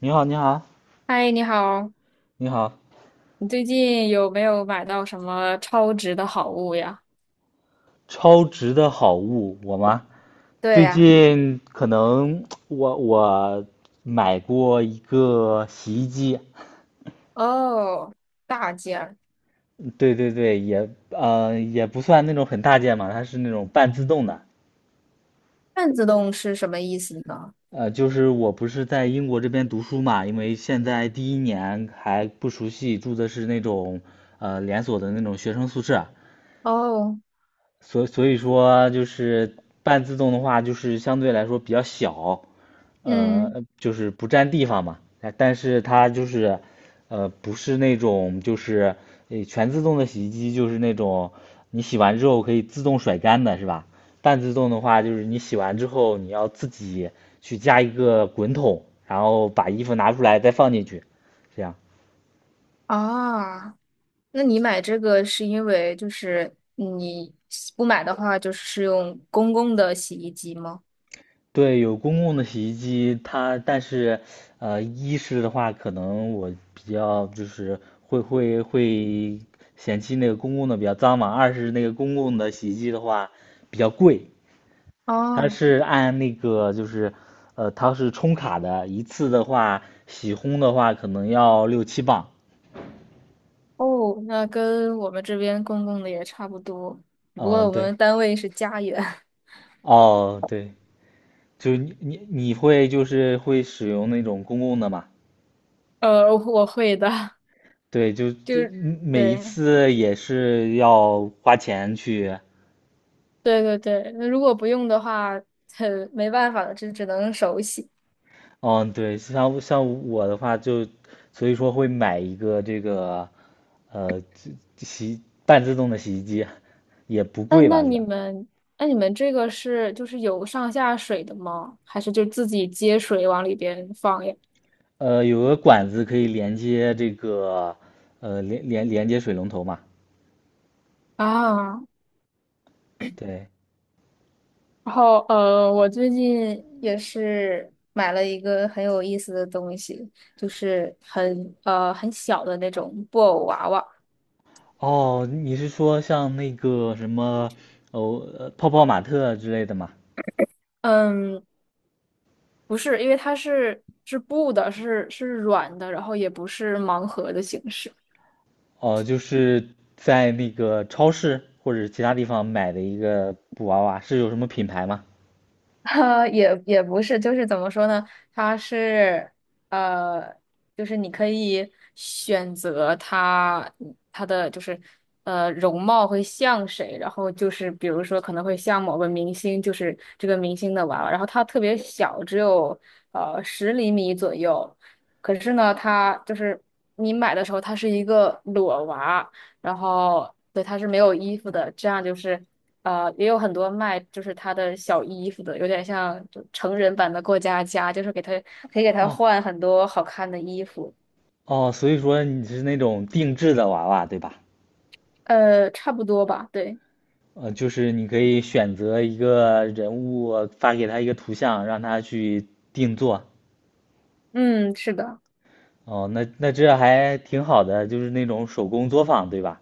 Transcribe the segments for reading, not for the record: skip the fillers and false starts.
你好，你好，嗨，你好，你好，你最近有没有买到什么超值的好物呀？超值的好物，我吗？对最呀，近可能我买过一个洗衣机，哦，大件儿对对对，也也不算那种很大件嘛，它是那种半自动的，半自动是什么意思呢？就是我不是在英国这边读书嘛，因为现在第一年还不熟悉，住的是那种连锁的那种学生宿舍，哦，所以说就是半自动的话，就是相对来说比较小，嗯，就是不占地方嘛。但是它就是，不是那种就是全自动的洗衣机，就是那种你洗完之后可以自动甩干的，是吧？半自动的话，就是你洗完之后你要自己去加一个滚筒，然后把衣服拿出来再放进去，这样。啊，那你买这个是因为就是你不买的话，就是用公共的洗衣机吗？对，有公共的洗衣机，它但是，一是的话，可能我比较就是会嫌弃那个公共的比较脏嘛，二是那个公共的洗衣机的话比较贵，它哦，是按那个就是，它是充卡的，一次的话洗烘的话可能要六七磅，哦，那跟我们这边公共的也差不多，只不过嗯，我对，们单位是家园。哦，对，就你会就是会使用那种公共的吗？我会的，对，就就就是。每一对，次也是要花钱去，对对对，那如果不用的话，很没办法了，这只能手洗。嗯，对，像我的话就，所以说会买一个这个，呃，这洗半自动的洗衣机，也不那贵那吧，是你吧？们，那你们这个是就是有上下水的吗？还是就自己接水往里边放呀？有个管子可以连接这个，连接水龙头嘛，啊，对，然后我最近也是买了一个很有意思的东西，就是很小的那种布偶娃娃。哦，你是说像那个什么，哦，泡泡玛特之类的吗？嗯，不是，因为它是布的，是软的，然后也不是盲盒的形式。哦，就是在那个超市或者其他地方买的一个布娃娃，是有什么品牌吗？哈，也不是，就是怎么说呢？它是呃，就是你可以选择它的就是容貌会像谁，然后就是比如说可能会像某个明星，就是这个明星的娃娃，然后它特别小，只有10厘米左右。可是呢，它就是你买的时候它是一个裸娃，然后对它是没有衣服的，这样就是。也有很多卖就是他的小衣服的，有点像就成人版的过家家，就是给他可以给他哦换很多好看的衣服，哦，所以说你是那种定制的娃娃，对吧？差不多吧，对，就是你可以选择一个人物，发给他一个图像，让他去定做。嗯，是的，哦，那这还挺好的，就是那种手工作坊，对吧？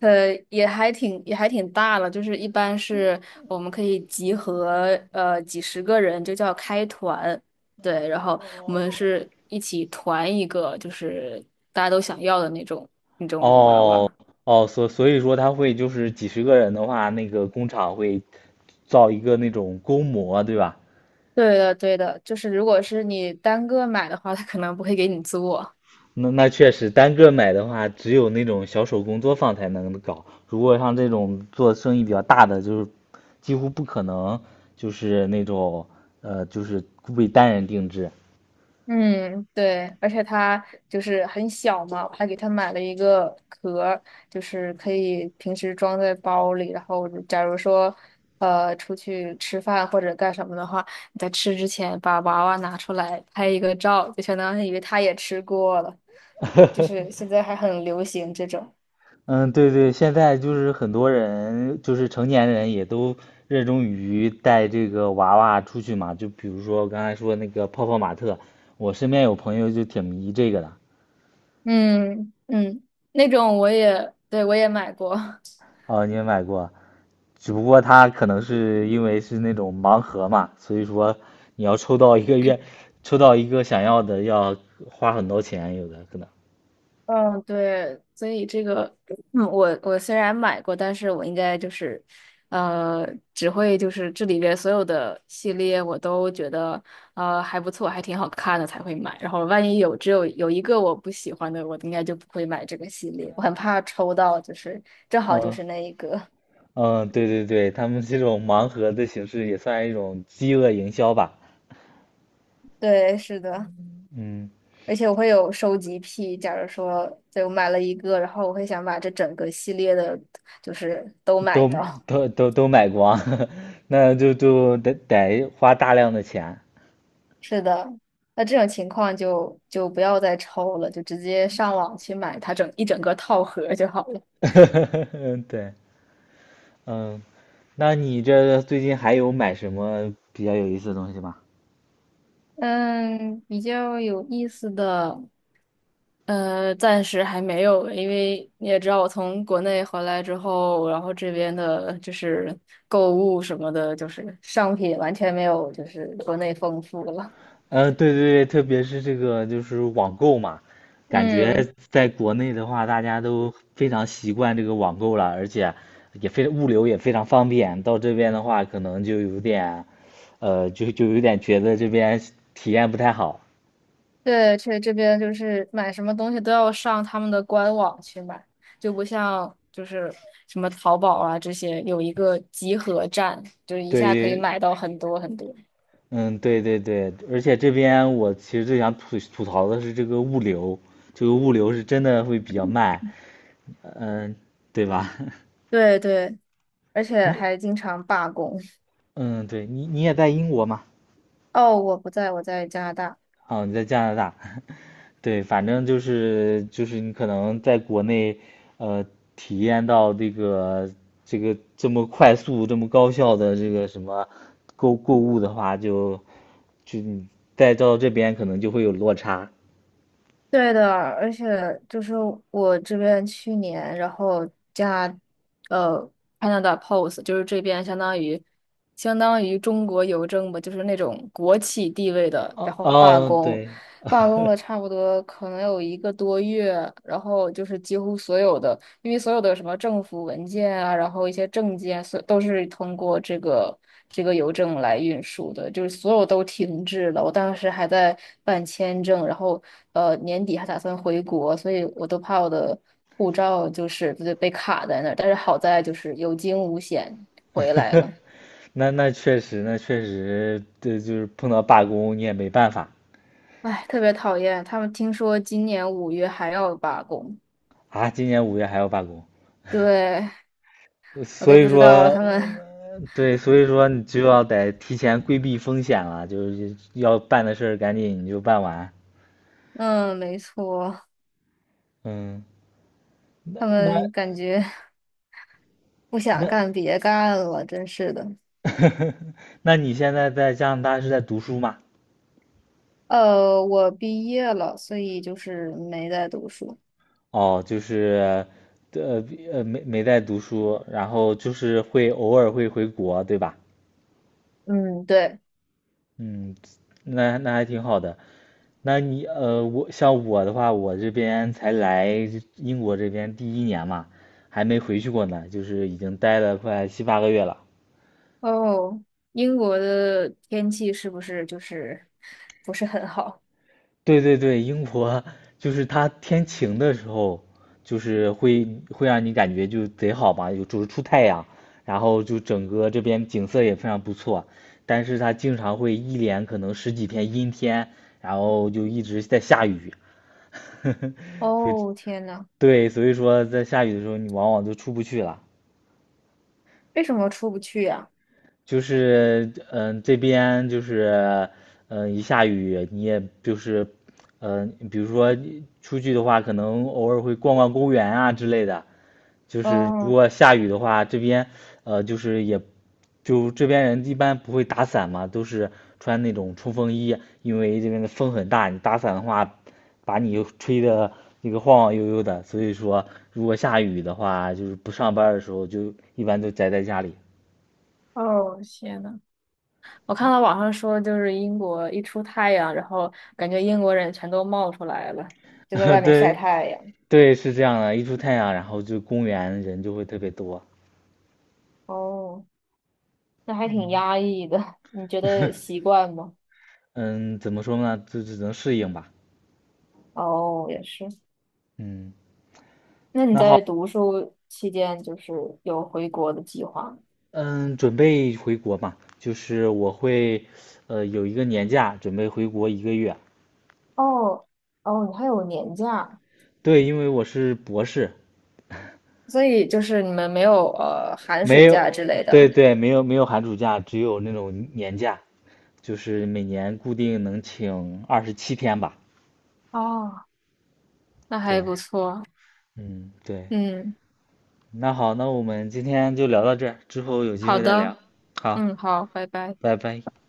也还挺大了，就是一般是我们可以集合几十个人，就叫开团，对，然后我们是一起团一个，就是大家都想要的那种娃哦娃。哦，所以说他会就是几十个人的话，那个工厂会造一个那种工模，对吧？对的，对的，就是如果是你单个买的话，他可能不会给你做。那确实，单个买的话，只有那种小手工作坊才能搞。如果像这种做生意比较大的，就是几乎不可能，就是那种就是为单人定制。嗯，对，而且他就是很小嘛，我还给他买了一个壳儿，就是可以平时装在包里，然后假如说出去吃饭或者干什么的话，你在吃之前把娃娃拿出来拍一个照，就相当于他也吃过了。就是 现在还很流行这种，嗯，对对，现在就是很多人，就是成年人也都热衷于带这个娃娃出去嘛。就比如说我刚才说那个泡泡玛特，我身边有朋友就挺迷这个的。嗯嗯，那种我也，对，我也买过。哦，你也买过？只不过他可能是因为是那种盲盒嘛，所以说你要抽到一个愿，抽到一个想要的要花很多钱，有的可能。嗯，对，所以这个，嗯，我虽然买过，但是我应该就是，呃，只会就是这里边所有的系列我都觉得，还不错，还挺好看的才会买。然后万一有只有有一个我不喜欢的，我应该就不会买这个系列。我很怕抽到，就是正好就嗯是那一个。嗯，对对对，他们这种盲盒的形式也算一种饥饿营销吧。对，是的，嗯，而且我会有收集癖。假如说，对，我买了一个，然后我会想把这整个系列的，就是都买都到。都买光，那就得花大量的钱。是的，那这种情况就不要再抽了，就直接上网去买它整个套盒就好了。嗯对，嗯，那你这最近还有买什么比较有意思的东西吗？嗯，比较有意思的，暂时还没有，因为你也知道，我从国内回来之后，然后这边的就是购物什么的，就是商品完全没有，就是国内丰富了。对对对，特别是这个就是网购嘛，感觉嗯。在国内的话，大家都非常习惯这个网购了，而且也非物流也非常方便。到这边的话，可能就有点，就有点觉得这边体验不太好。对，这边就是买什么东西都要上他们的官网去买，就不像就是什么淘宝啊这些有一个集合站，就是一对，下可以买于，到很多很多。嗯，对对对，而且这边我其实最想吐槽的是这个物流，这个物流是真的会比较慢，嗯，对吧？对对，而 且你，还经常罢工。嗯，对你也在英国嘛？哦，我不在，我在加拿大。哦，你在加拿大。对，反正就是你可能在国内，呃，体验到这个这么快速、这么高效的这个什么购物的话，就你再到这边可能就会有落差。对的，而且就是我这边去年，然后呃，Canada Post，就是这边相当于中国邮政吧，就是那种国企地位的，然哦后罢哦，工，对，罢工了差不多可能有一个多月，然后就是几乎所有的。因为所有的什么政府文件啊，然后一些证件，所都是通过这个邮政来运输的，就是所有都停滞了。我当时还在办签证，然后年底还打算回国，所以我都怕我的护照就是被卡在那儿。但是好在就是有惊无险回来了。那确实，那确实，这就是碰到罢工你也没办法唉，特别讨厌他们，听说今年5月还要罢工，啊。今年五月还要罢工。对，我所都以不知道说，他们，对，所以说你就要得提前规避风险了，就是要办的事儿赶紧你就办完。嗯，没错，嗯，他那那们感觉。不那，想干，别干了，真是的。那你现在在加拿大是在读书吗？我毕业了，所以就是没在读书。哦，就是，呃没在读书，然后就是会偶尔会回国，对吧？嗯，对。嗯，那还挺好的。像我的话，我这边才来英国这边第一年嘛，还没回去过呢，就是已经待了快7、8个月了。哦，英国的天气是不是就是不是很好？对对对，英国就是它天晴的时候，就是会让你感觉就贼好吧，有就是出太阳，然后就整个这边景色也非常不错。但是它经常会一连可能十几天阴天，然后就一直在下雨。哦，天呐，对，所以说在下雨的时候，你往往都出不去了。为什么出不去呀？就是这边就是一下雨你也就是比如说出去的话，可能偶尔会逛逛公园啊之类的。就是如哦果下雨的话，这边就是也就这边人一般不会打伞嘛，都是穿那种冲锋衣，因为这边的风很大，你打伞的话，把你吹的那个晃晃悠悠的。所以说，如果下雨的话，就是不上班儿的时候，就一般都宅在家里。哦，天呐，我看到网上说，就是英国一出太阳，然后感觉英国人全都冒出来了。就在外 面晒对，太阳。对，是这样的，一出太阳，然后就公园人就会特别多。哦，那还挺压抑的。你觉得习惯吗？嗯，怎么说呢？就只能适应吧。哦，也是。嗯，那你那好，在读书期间，就是有回国的计划吗？嗯，准备回国嘛，就是我会，有一个年假，准备回国一个月。哦哦，你还有年假，对，因为我是博士，所以就是你们没有寒没暑假有，之类对的，对，没有没有寒暑假，只有那种年假，就是每年固定能请27天吧。哦，那还对，不错。嗯，对。嗯，那好，那我们今天就聊到这儿，之后有机好会再的，聊。好，嗯，好，拜拜。拜拜。